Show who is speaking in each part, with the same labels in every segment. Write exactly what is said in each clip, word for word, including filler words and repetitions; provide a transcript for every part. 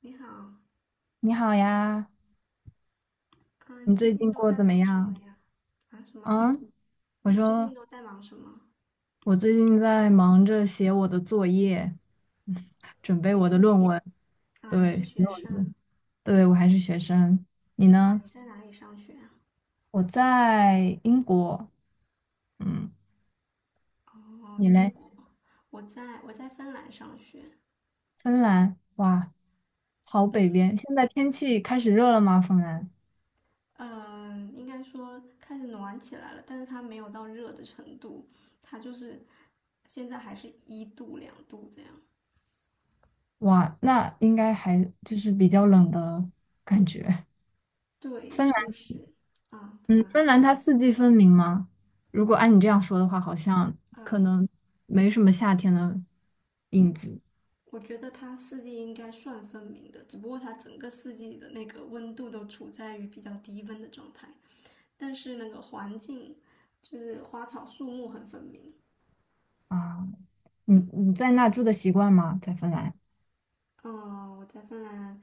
Speaker 1: 你好，
Speaker 2: 你好呀，
Speaker 1: 嗯，你
Speaker 2: 你
Speaker 1: 最
Speaker 2: 最
Speaker 1: 近
Speaker 2: 近
Speaker 1: 都
Speaker 2: 过得
Speaker 1: 在
Speaker 2: 怎么
Speaker 1: 忙什么
Speaker 2: 样？
Speaker 1: 呀？啊，什么？
Speaker 2: 啊，我
Speaker 1: 你最
Speaker 2: 说
Speaker 1: 近都在忙什么？
Speaker 2: 我最近在忙着写我的作业，准备
Speaker 1: 写
Speaker 2: 我的
Speaker 1: 作
Speaker 2: 论
Speaker 1: 业
Speaker 2: 文。
Speaker 1: 啊？你是
Speaker 2: 对，写
Speaker 1: 学
Speaker 2: 我
Speaker 1: 生
Speaker 2: 的论对，我还是学生。你
Speaker 1: 啊？
Speaker 2: 呢？
Speaker 1: 你在哪里上学啊？
Speaker 2: 我在英国，嗯，
Speaker 1: 哦，
Speaker 2: 你
Speaker 1: 英
Speaker 2: 嘞？
Speaker 1: 国，我在我在芬兰上学。
Speaker 2: 芬兰，哇，好北边。现在天气开始热了吗？芬兰，
Speaker 1: 嗯，应该说开始暖起来了，但是它没有到热的程度，它就是现在还是一度两度这样。
Speaker 2: 哇，那应该还就是比较冷的感觉。
Speaker 1: 对，
Speaker 2: 芬。
Speaker 1: 就是啊，怎么
Speaker 2: 嗯，
Speaker 1: 了？
Speaker 2: 芬兰它四季分明吗？如果按你这样说的话，好像
Speaker 1: 呃，
Speaker 2: 可能没什么夏天的影子。
Speaker 1: 我觉得它四季应该算分明的，只不过它整个四季的那个温度都处在于比较低温的状态，但是那个环境就是花草树木很分明。
Speaker 2: 啊，你你在那住的习惯吗？在芬兰？
Speaker 1: 嗯，我在芬兰，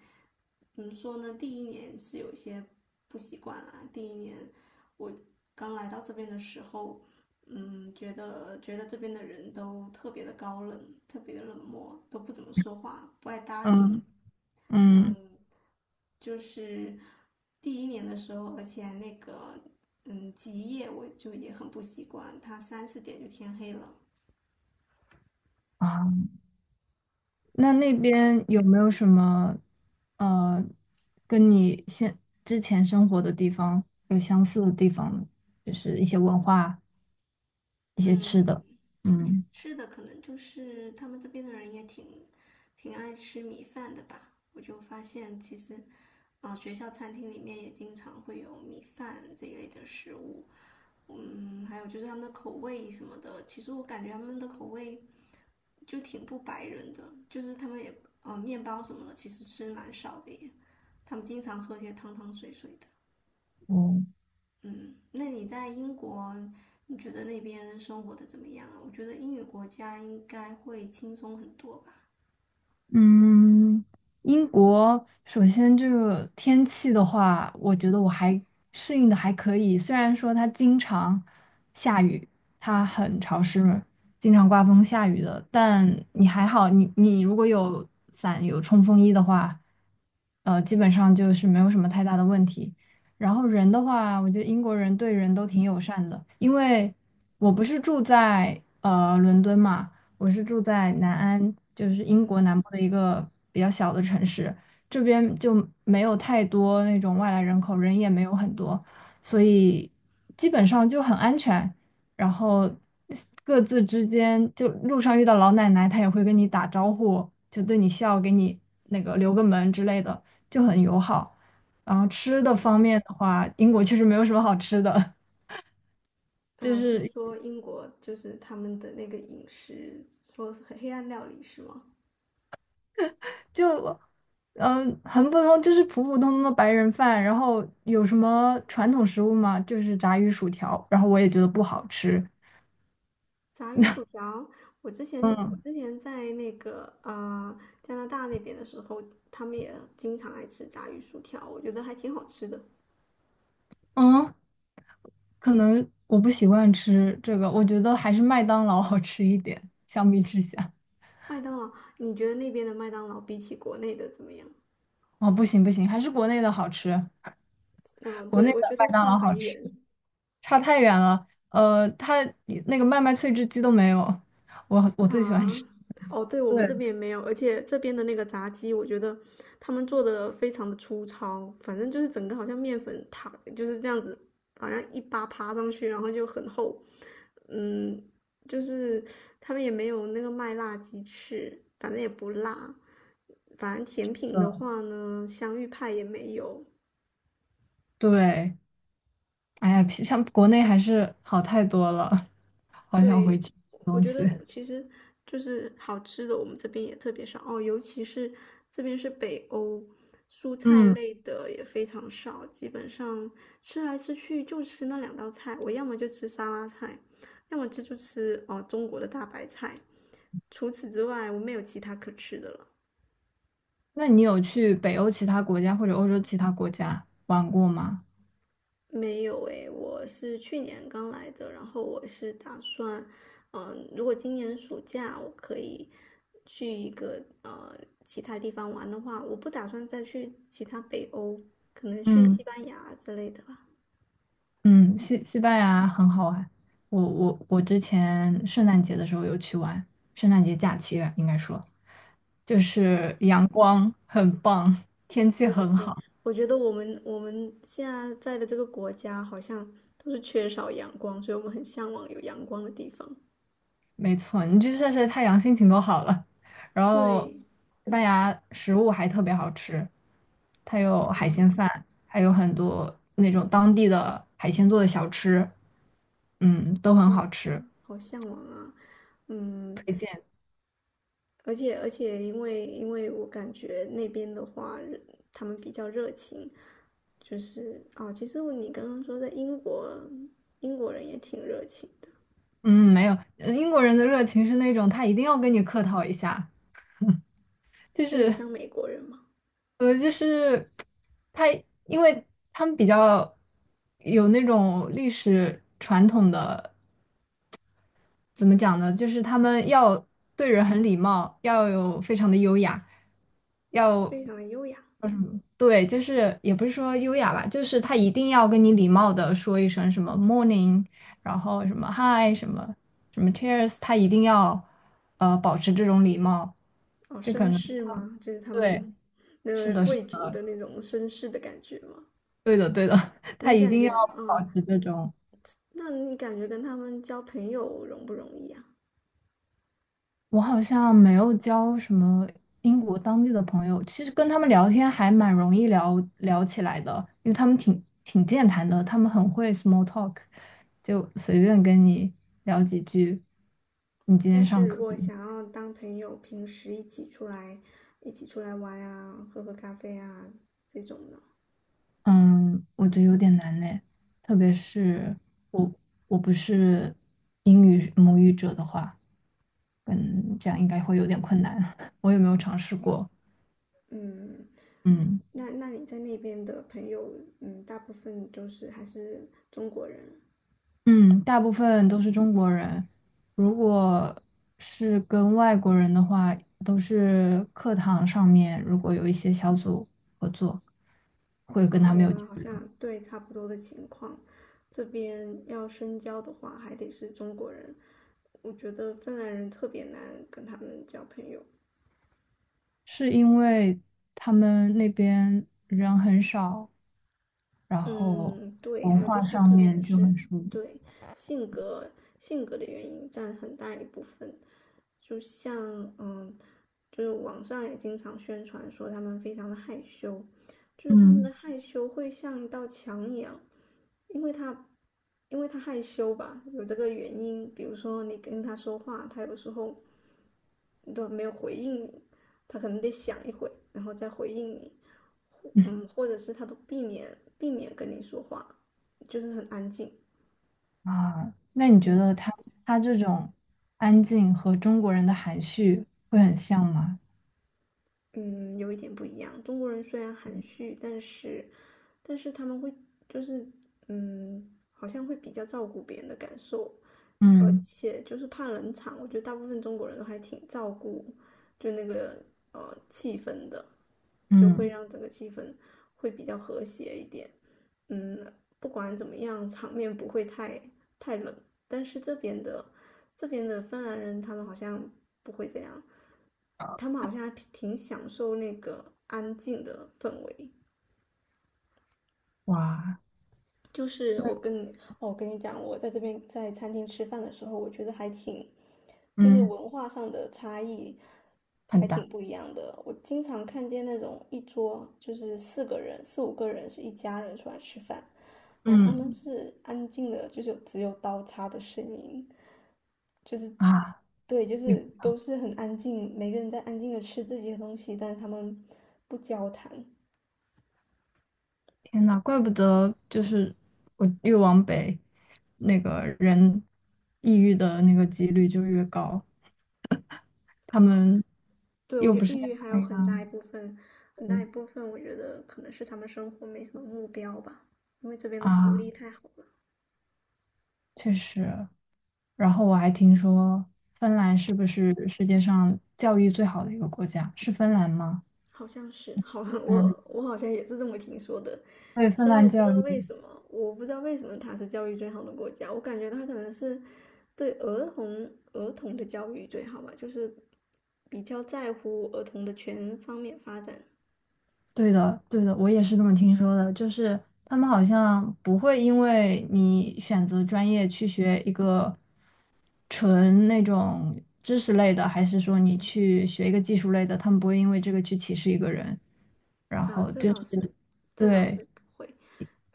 Speaker 1: 怎么说呢？第一年是有些不习惯啦。第一年我刚来到这边的时候，嗯，觉得觉得这边的人都特别的高冷，特别的冷漠，都不怎么说话，不爱搭理你。
Speaker 2: 嗯。嗯。
Speaker 1: 嗯，就是第一年的时候，而且那个嗯极夜我就也很不习惯，它三四点就天黑了。
Speaker 2: 啊，那那边有没有什么呃，跟你现之前生活的地方有相似的地方呢？就是一些文化、一些吃
Speaker 1: 嗯，
Speaker 2: 的。嗯。
Speaker 1: 吃的，可能就是他们这边的人也挺挺爱吃米饭的吧。我就发现其实，啊、学校餐厅里面也经常会有米饭这一类的食物。嗯，还有就是他们的口味什么的，其实我感觉他们的口味就挺不白人的，就是他们也，呃，面包什么的其实吃蛮少的耶。他们经常喝些汤汤水水的。
Speaker 2: 哦。
Speaker 1: 嗯，那你在英国，你觉得那边生活的怎么样啊？我觉得英语国家应该会轻松很多吧。
Speaker 2: 嗯，英国首先这个天气的话，我觉得我还适应的还可以。虽然说它经常下雨，它很潮湿，经常刮风下雨的，但你还好，你你如果有伞有冲锋衣的话，呃，基本上就是没有什么太大的问题。然后人的话，我觉得英国人对人都挺友善的，因为我不是住在呃伦敦嘛。我是住在南安，就是英
Speaker 1: 嗯。
Speaker 2: 国南部的一个比较小的城市，这边就没有太多那种外来人口，人也没有很多，所以基本上就很安全。然后各自之间，就路上遇到老奶奶，她也会跟你打招呼，就对你笑，给你那个留个门之类的，就很友好。然后吃的
Speaker 1: 嗯。
Speaker 2: 方面的话，英国确实没有什么好吃的，就
Speaker 1: 啊，听
Speaker 2: 是。
Speaker 1: 说英国就是他们的那个饮食，说是黑暗料理是吗？
Speaker 2: 就嗯、呃很普通，就是普普通通的白人饭。然后有什么传统食物吗？就是炸鱼薯条，然后我也觉得不好吃。
Speaker 1: 炸鱼薯条，我之前我
Speaker 2: 嗯。
Speaker 1: 之前在那个呃加拿大那边的时候，他们也经常爱吃炸鱼薯条，我觉得还挺好吃的。
Speaker 2: 嗯，可能我不习惯吃这个，我觉得还是麦当劳好吃一点，相比之下。
Speaker 1: 麦当劳，你觉得那边的麦当劳比起国内的怎么样？
Speaker 2: 哦，不行不行，还是国内的好吃，
Speaker 1: 嗯，
Speaker 2: 国内
Speaker 1: 对，我
Speaker 2: 的
Speaker 1: 觉
Speaker 2: 麦
Speaker 1: 得
Speaker 2: 当
Speaker 1: 差
Speaker 2: 劳
Speaker 1: 很
Speaker 2: 好吃，
Speaker 1: 远。
Speaker 2: 差太远了。呃，它那个麦麦脆汁鸡都没有，我我最喜
Speaker 1: 啊，
Speaker 2: 欢吃。
Speaker 1: 哦，对，我
Speaker 2: 对。
Speaker 1: 们这边也没有，而且这边的那个炸鸡，我觉得他们做的非常的粗糙，反正就是整个好像面粉塔就是这样子，好像一扒扒上去，然后就很厚，嗯，就是他们也没有那个麦辣鸡翅，反正也不辣，反正甜品的
Speaker 2: 嗯。
Speaker 1: 话呢，香芋派也没有，
Speaker 2: 对。哎呀，比像国内还是好太多了，好想回
Speaker 1: 对，
Speaker 2: 去吃
Speaker 1: 我
Speaker 2: 东
Speaker 1: 觉
Speaker 2: 西。
Speaker 1: 得其实就是好吃的，我们这边也特别少哦，尤其是这边是北欧，蔬菜
Speaker 2: 嗯，
Speaker 1: 类的也非常少，基本上吃来吃去就吃那两道菜，我要么就吃沙拉菜，要么这就吃哦中国的大白菜，除此之外我没有其他可吃的了。
Speaker 2: 那你有去北欧其他国家或者欧洲其他国家玩过吗？
Speaker 1: 没有诶，我是去年刚来的，然后我是打算，嗯、如果今年暑假我可以去一个呃其他地方玩的话，我不打算再去其他北欧，可能去
Speaker 2: 嗯。
Speaker 1: 西班牙之类的吧。
Speaker 2: 嗯，西西班牙很好玩，我我我之前圣诞节的时候有去玩，圣诞节假期吧，应该说，就
Speaker 1: 啊，
Speaker 2: 是阳光很棒，天气
Speaker 1: 对
Speaker 2: 很
Speaker 1: 对，
Speaker 2: 好。
Speaker 1: 我觉得我们我们现在在的这个国家好像都是缺少阳光，所以我们很向往有阳光的地方。
Speaker 2: 没错，你去晒晒太阳，心情都好了。然后，
Speaker 1: 对，
Speaker 2: 西班牙食物还特别好吃，它有海鲜饭，还有很多那种当地的海鲜做的小吃，嗯，都很好吃，
Speaker 1: 好向往啊。嗯，
Speaker 2: 推荐。
Speaker 1: 而且而且，因为因为我感觉那边的话，他们比较热情，就是哦，其实你刚刚说在英国，英国人也挺热情的，
Speaker 2: 嗯，没有，呃英国人的热情是那种他一定要跟你客套一下，就
Speaker 1: 是很
Speaker 2: 是
Speaker 1: 像美国人嘛，
Speaker 2: 呃，就是他，因为他们比较有那种历史传统的怎么讲呢？就是他们要对人很礼貌，要有非常的优雅，要
Speaker 1: 非常的优雅
Speaker 2: 叫什么？对，就是也不是说优雅吧，就是他一定要跟你礼貌的说一声什么 morning，然后什么 hi，什么什么 cheers，他一定要呃保持这种礼貌。
Speaker 1: 哦，
Speaker 2: 这可
Speaker 1: 绅
Speaker 2: 能是
Speaker 1: 士
Speaker 2: 他们
Speaker 1: 吗？就是他
Speaker 2: 对，
Speaker 1: 们那
Speaker 2: 是
Speaker 1: 个
Speaker 2: 的，是
Speaker 1: 贵族的那种绅士的感觉吗？
Speaker 2: 对的，对的，他
Speaker 1: 你
Speaker 2: 一
Speaker 1: 感
Speaker 2: 定要
Speaker 1: 觉啊、
Speaker 2: 保
Speaker 1: 哦
Speaker 2: 持这种。
Speaker 1: 那你感觉跟他们交朋友容不容易啊？
Speaker 2: 我好像没有交什么英国当地的朋友，其实跟他们聊天还蛮容易聊聊起来的，因为他们挺挺健谈的，他们很会 small talk，就随便跟你聊几句。你今天
Speaker 1: 但是
Speaker 2: 上
Speaker 1: 如
Speaker 2: 课，
Speaker 1: 果想要当朋友，平时一起出来，一起出来玩啊，喝喝咖啡啊，这种的，
Speaker 2: 嗯，我觉得有点难呢，特别是我我不是英语母语者的话，嗯，这样应该会有点困难。我也没有尝试过，
Speaker 1: 嗯，
Speaker 2: 嗯。
Speaker 1: 那那你在那边的朋友，嗯，大部分就是还是中国人
Speaker 2: 嗯，大部分都是中国人，如果是跟外国人的话，都是课堂上面如果有一些小组合作，会跟
Speaker 1: 啊，
Speaker 2: 他们
Speaker 1: 我
Speaker 2: 有交
Speaker 1: 们好
Speaker 2: 流。
Speaker 1: 像对差不多的情况，这边要深交的话，还得是中国人，我觉得芬兰人特别难跟他们交朋友，
Speaker 2: 是因为他们那边人很少，然后
Speaker 1: 嗯，对，
Speaker 2: 文
Speaker 1: 还有就
Speaker 2: 化
Speaker 1: 是
Speaker 2: 上
Speaker 1: 可
Speaker 2: 面
Speaker 1: 能
Speaker 2: 就
Speaker 1: 是
Speaker 2: 很疏离。
Speaker 1: 对性格性格的原因占很大一部分，就像嗯，就是网上也经常宣传说他们非常的害羞，就是他们的
Speaker 2: 嗯。
Speaker 1: 害羞会像一道墙一样，因为他因为他害羞吧，有这个原因，比如说你跟他说话，他有时候都没有回应你，他可能得想一会，然后再回应你。嗯，或者是他都避免避免跟你说话，就是很安静。
Speaker 2: 啊，那你觉
Speaker 1: 嗯。
Speaker 2: 得他他这种安静和中国人的含蓄会很像吗？
Speaker 1: 嗯，有一点不一样。中国人虽然含蓄，但是但是他们会就是嗯，好像会比较照顾别人的感受，而
Speaker 2: 嗯。
Speaker 1: 且就是怕冷场，我觉得大部分中国人都还挺照顾就那个呃气氛的，就会
Speaker 2: 嗯，
Speaker 1: 让整个气氛会比较和谐一点。嗯，不管怎么样，场面不会太太冷。但是这边的这边的芬兰人，他们好像不会这样，他们好像还挺享受那个安静的氛围。
Speaker 2: 哇，
Speaker 1: 就是我跟你，哦，我跟你讲，我在这边在餐厅吃饭的时候，我觉得还挺就是
Speaker 2: 嗯
Speaker 1: 文化上的差异
Speaker 2: 很
Speaker 1: 还挺
Speaker 2: 大。
Speaker 1: 不一样的。我经常看见那种一桌就是四个人、四五个人是一家人出来吃饭，然后他们
Speaker 2: 嗯。
Speaker 1: 是安静的，就是有只有刀叉的声音，
Speaker 2: 啊，
Speaker 1: 对，就
Speaker 2: 哟，
Speaker 1: 是都是很安静，每个人在安静的吃自己的东西，但是他们不交谈。
Speaker 2: 天呐，怪不得就是我越往北，那个人抑郁的那个几率就越高。他
Speaker 1: 嗯，
Speaker 2: 们
Speaker 1: 对，我
Speaker 2: 又
Speaker 1: 觉
Speaker 2: 不
Speaker 1: 得
Speaker 2: 是。
Speaker 1: 抑郁还有很大一部分，很大一部分我觉得可能是他们生活没什么目标吧，因为这边的福
Speaker 2: 啊，
Speaker 1: 利太好了。
Speaker 2: 确实。然后我还听说芬兰是不是世界上教育最好的一个国家？是芬兰吗？
Speaker 1: 好像是，好，
Speaker 2: 嗯，
Speaker 1: 我我好像也是这么听说的。
Speaker 2: 对，芬
Speaker 1: 虽然我
Speaker 2: 兰
Speaker 1: 不知
Speaker 2: 教
Speaker 1: 道
Speaker 2: 育。
Speaker 1: 为什么，我不知道为什么它是教育最好的国家，我感觉它可能是对儿童儿童的教育最好吧，就是比较在乎儿童的全方面发展
Speaker 2: 对的，对的，我也是这么听说的。就是他们好像不会因为你选择专业去学一个纯那种知识类的，还是说你去学一个技术类的，他们不会因为这个去歧视一个人。然
Speaker 1: 啊，
Speaker 2: 后
Speaker 1: 这
Speaker 2: 就
Speaker 1: 倒是，
Speaker 2: 是，
Speaker 1: 这倒是
Speaker 2: 对，
Speaker 1: 不会。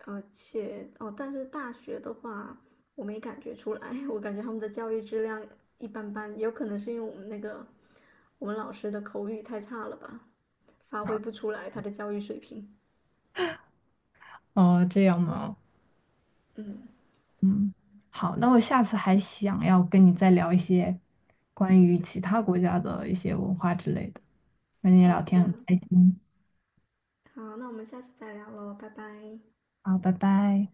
Speaker 1: 而且哦，但是大学的话，我没感觉出来，我感觉他们的教育质量一般般，有可能是因为我们那个我们老师的口语太差了吧，发挥不出来他的教育水平。
Speaker 2: 哦，这样吗？
Speaker 1: 嗯，
Speaker 2: 好，那我下次还想要跟你再聊一些关于其他国家的一些文化之类的，跟你
Speaker 1: 好
Speaker 2: 聊天很
Speaker 1: 的，
Speaker 2: 开心。
Speaker 1: 好，那我们下次再聊喽，拜拜。
Speaker 2: 好，拜拜。